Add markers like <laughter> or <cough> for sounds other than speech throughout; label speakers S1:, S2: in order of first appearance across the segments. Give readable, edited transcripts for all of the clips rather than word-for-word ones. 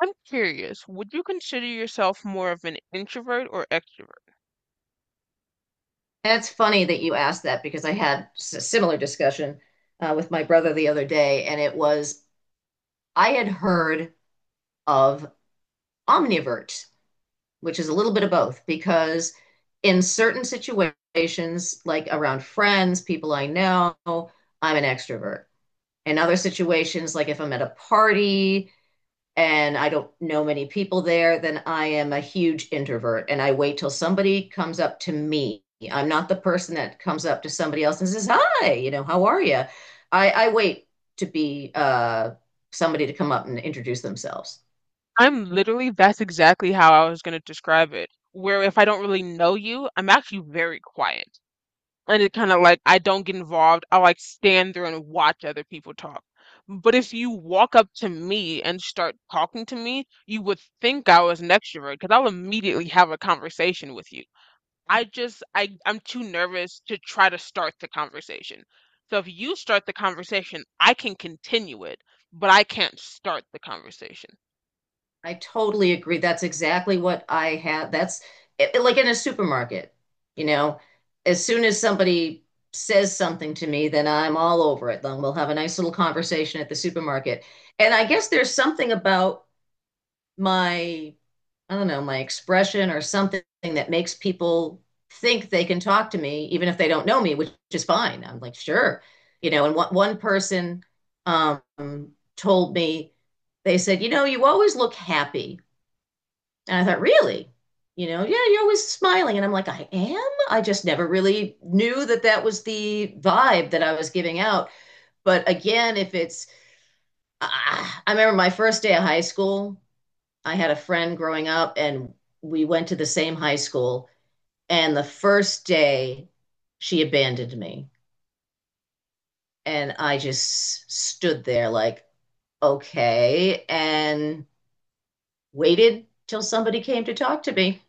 S1: I'm curious, would you consider yourself more of an introvert or extrovert?
S2: That's funny that you asked that because a similar discussion with my brother the other day, and it was I had heard of omnivert, which is a little bit of both, because in certain situations, like around friends, people I know, I'm an extrovert. In other situations, like if I'm at a party and I don't know many people there, then I am a huge introvert and I wait till somebody comes up to me. I'm not the person that comes up to somebody else and says, "Hi, how are you?" I wait to be somebody to come up and introduce themselves.
S1: I'm literally, that's exactly how I was going to describe it. Where if I don't really know you, I'm actually very quiet. And it kind of like, I don't get involved. I like stand there and watch other people talk. But if you walk up to me and start talking to me, you would think I was an extrovert because I'll immediately have a conversation with you. I just I I'm too nervous to try to start the conversation. So if you start the conversation, I can continue it, but I can't start the conversation.
S2: I totally agree. That's exactly what I have. Like in a supermarket, you know, as soon as somebody says something to me, then I'm all over it. Then we'll have a nice little conversation at the supermarket. And I guess there's something about my I don't know, my expression or something that makes people think they can talk to me even if they don't know me, which is fine. I'm like, sure. You know, and one person um told me. They said, "You know, you always look happy." And I thought, "Really? You know, yeah, you're always smiling." And I'm like, "I am." I just never really knew that that was the vibe that I was giving out. But again, if it's, ah, I remember my first day of high school. I had a friend growing up and we went to the same high school. And the first day she abandoned me. And I just stood there like, okay, and waited till somebody came to talk to me.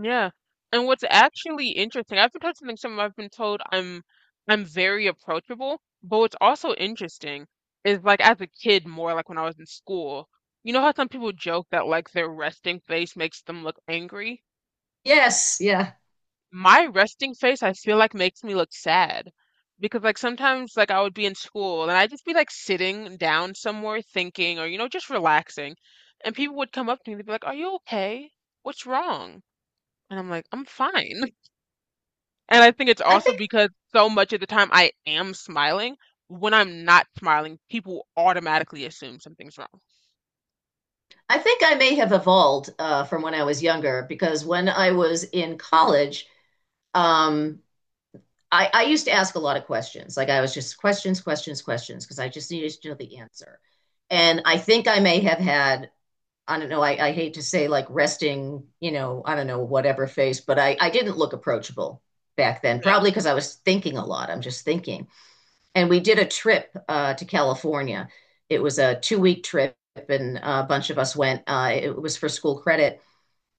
S1: Yeah. And what's actually interesting, I've been told I'm very approachable, but what's also interesting is like as a kid more like when I was in school, you know how some people joke that like their resting face makes them look angry?
S2: Yes, yeah.
S1: My resting face I feel like makes me look sad because like sometimes like I would be in school and I'd just be like sitting down somewhere thinking or you know just relaxing and people would come up to me and they'd be like, "Are you okay? What's wrong?" And I'm like, "I'm fine." <laughs> And I think it's
S2: I
S1: also
S2: think
S1: because so much of the time I am smiling. When I'm not smiling, people automatically assume something's wrong.
S2: I think I may have evolved from when I was younger, because when I was in college, um, I used to ask a lot of questions. Like I was just questions, questions, questions, because I just needed to know the answer. And I think I may have had, I don't know, I hate to say like resting, you know, I don't know, whatever face, but I didn't look approachable back then,
S1: Yeah,
S2: probably because I was thinking a lot. I'm just thinking. And we did a trip to California. It was a 2-week trip, and a bunch of us went. It was for school credit,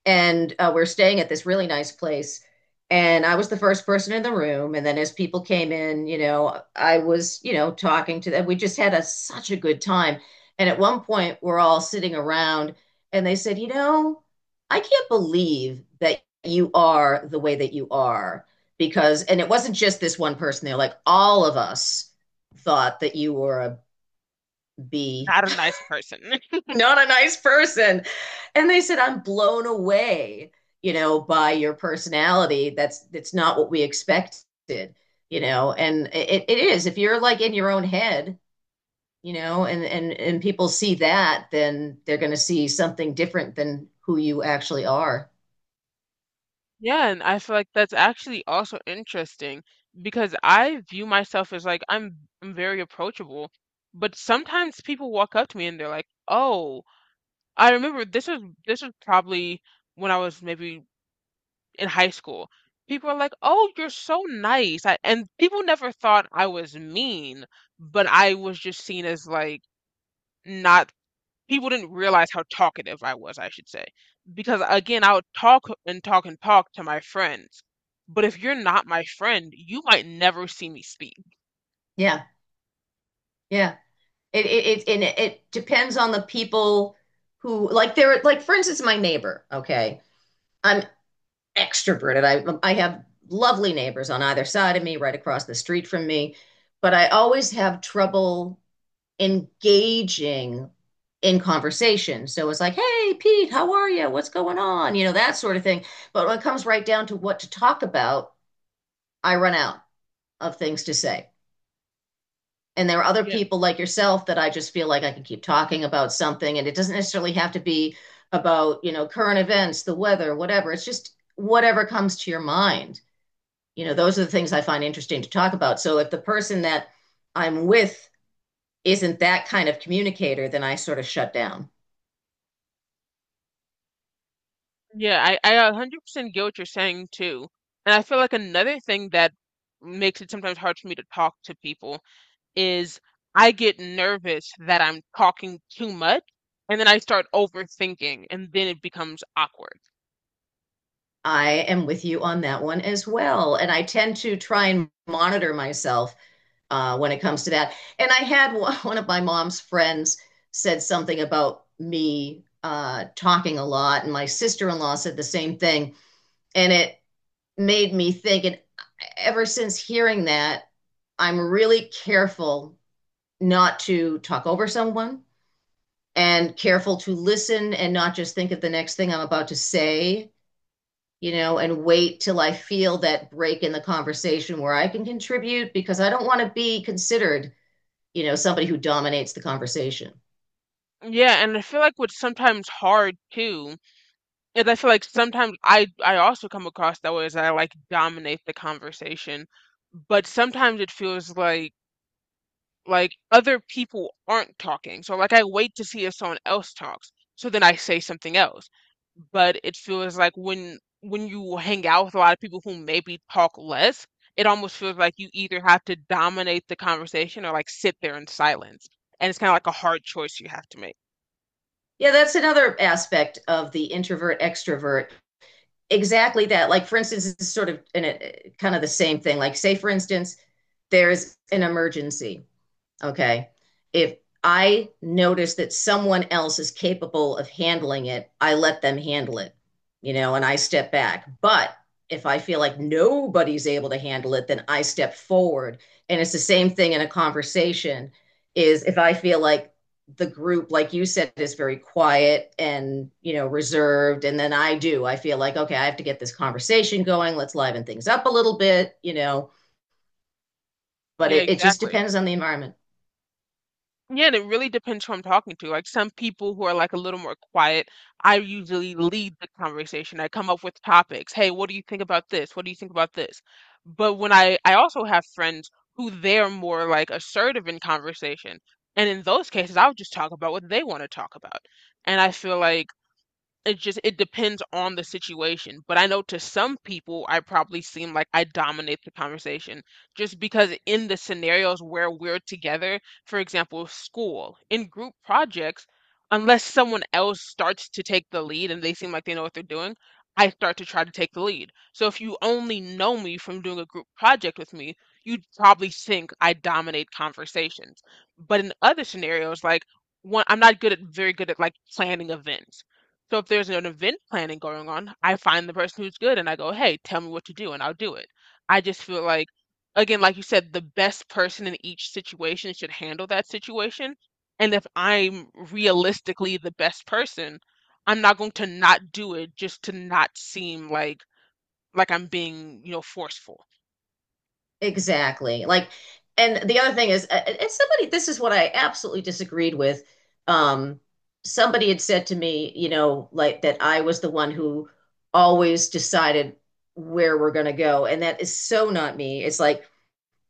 S2: and we're staying at this really nice place, and I was the first person in the room. And then as people came in, I was, talking to them. We just had such a good time. And at one point we're all sitting around, and they said, you know, "I can't believe that you are the way that you are," because and it wasn't just this one person. They're like, "All of us thought that you were a b—"
S1: not a nice person. <laughs>
S2: Not a nice person. And they said, "I'm blown away, you know, by your personality. That's not what we expected, you know." And it is. If you're like in your own head, you know, and and people see that, then they're gonna see something different than who you actually are.
S1: Yeah, and I feel like that's actually also interesting because I view myself as like I'm very approachable, but sometimes people walk up to me and they're like, "Oh, I remember this was probably when I was maybe in high school." People are like, "Oh, you're so nice." And people never thought I was mean, but I was just seen as like not people didn't realize how talkative I was, I should say. Because again, I would talk and talk and talk to my friends. But if you're not my friend, you might never see me speak.
S2: Yeah, yeah. It depends on the people who like they're like, for instance, my neighbor, okay. I'm extroverted. I have lovely neighbors on either side of me, right across the street from me, but I always have trouble engaging in conversation. So it's like, "Hey, Pete, how are you? What's going on?" You know, that sort of thing. But when it comes right down to what to talk about, I run out of things to say. And there are other
S1: Yeah.
S2: people like yourself that I just feel like I can keep talking about something, and it doesn't necessarily have to be about, you know, current events, the weather, whatever. It's just whatever comes to your mind. You know, those are the things I find interesting to talk about. So if the person that I'm with isn't that kind of communicator, then I sort of shut down.
S1: Yeah, I 100% get what you're saying too. And I feel like another thing that makes it sometimes hard for me to talk to people is I get nervous that I'm talking too much and then I start overthinking and then it becomes awkward.
S2: I am with you on that one as well, and I tend to try and monitor myself when it comes to that. And I had <laughs> one of my mom's friends said something about me talking a lot, and my sister-in-law said the same thing. And it made me think. And ever since hearing that, I'm really careful not to talk over someone, and careful to listen and not just think of the next thing I'm about to say, you know, and wait till I feel that break in the conversation where I can contribute, because I don't want to be considered, you know, somebody who dominates the conversation.
S1: Yeah, and I feel like what's sometimes hard too And I feel like sometimes I also come across that way as I like dominate the conversation, but sometimes it feels like other people aren't talking. So like I wait to see if someone else talks, so then I say something else. But it feels like when you hang out with a lot of people who maybe talk less, it almost feels like you either have to dominate the conversation or like sit there in silence. And it's kind of like a hard choice you have to make.
S2: Yeah, that's another aspect of the introvert extrovert. Exactly that. Like, for instance, it's sort of in a, kind of the same thing. Like, say, for instance, there's an emergency. Ok, if I notice that someone else is capable of handling it, I let them handle it, you know, and I step back. But if I feel like nobody's able to handle it, then I step forward. And it's the same thing in a conversation. Is if I feel like the group, like you said, is very quiet and, you know, reserved, and then I do, I feel like, okay, I have to get this conversation going, let's liven things up a little bit, you know. But
S1: Yeah,
S2: it just
S1: exactly.
S2: depends on the environment.
S1: Yeah, and it really depends who I'm talking to. Like some people who are like a little more quiet, I usually lead the conversation. I come up with topics. Hey, what do you think about this? What do you think about this? But when I also have friends who they're more like assertive in conversation. And in those cases, I'll just talk about what they want to talk about. And I feel like it depends on the situation, but I know to some people, I probably seem like I dominate the conversation just because in the scenarios where we're together, for example, school, in group projects, unless someone else starts to take the lead and they seem like they know what they're doing, I start to try to take the lead. So if you only know me from doing a group project with me, you'd probably think I dominate conversations. But in other scenarios, like one, I'm not good at like planning events. So if there's an event planning going on, I find the person who's good and I go, "Hey, tell me what to do," and I'll do it. I just feel like, again, like you said, the best person in each situation should handle that situation. And if I'm realistically the best person, I'm not going to not do it just to not seem like I'm being, you know, forceful.
S2: Exactly. Like, and the other thing is, and somebody, this is what I absolutely disagreed with. Um, Somebody had said to me, you know, like that I was the one who always decided where we're going to go. And that is so not me. It's like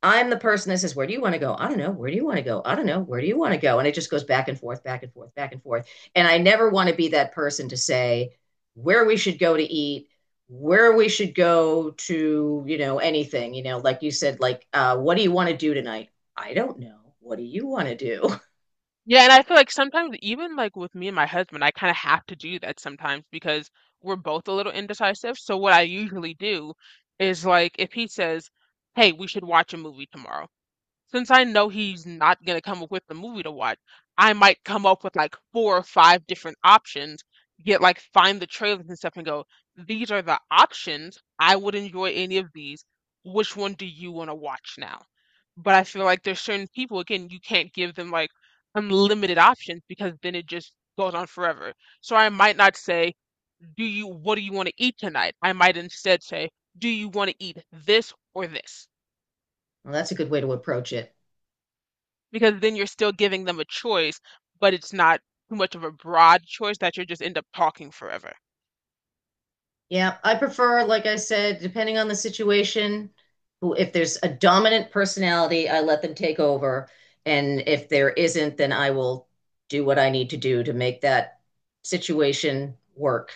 S2: I'm the person that says, "Where do you want to go?" "I don't know. Where do you want to go?" "I don't know. Where do you want to go?" And it just goes back and forth, back and forth, back and forth. And I never want to be that person to say where we should go to eat, where we should go to, you know, anything, you know, like you said, like, "What do you want to do tonight?" "I don't know. What do you want to do?" <laughs>
S1: Yeah, and I feel like sometimes even like with me and my husband, I kind of have to do that sometimes because we're both a little indecisive. So what I usually do is like if he says, "Hey, we should watch a movie tomorrow." Since I know he's not gonna come up with the movie to watch, I might come up with like four or five different options, get find the trailers and stuff and go, these are the options. I would enjoy any of these. Which one do you want to watch now? But I feel like there's certain people, again, you can't give them like unlimited options because then it just goes on forever. So I might not say, what do you want to eat tonight? I might instead say, do you want to eat this or this?
S2: Well, that's a good way to approach it.
S1: Because then you're still giving them a choice, but it's not too much of a broad choice that you just end up talking forever.
S2: Yeah, I prefer, like I said, depending on the situation, who if there's a dominant personality, I let them take over. And if there isn't, then I will do what I need to do to make that situation work.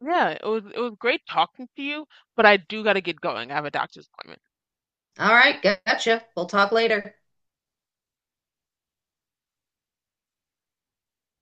S1: Yeah, it was great talking to you, but I do gotta get going. I have a doctor's appointment.
S2: All right, gotcha. We'll talk later.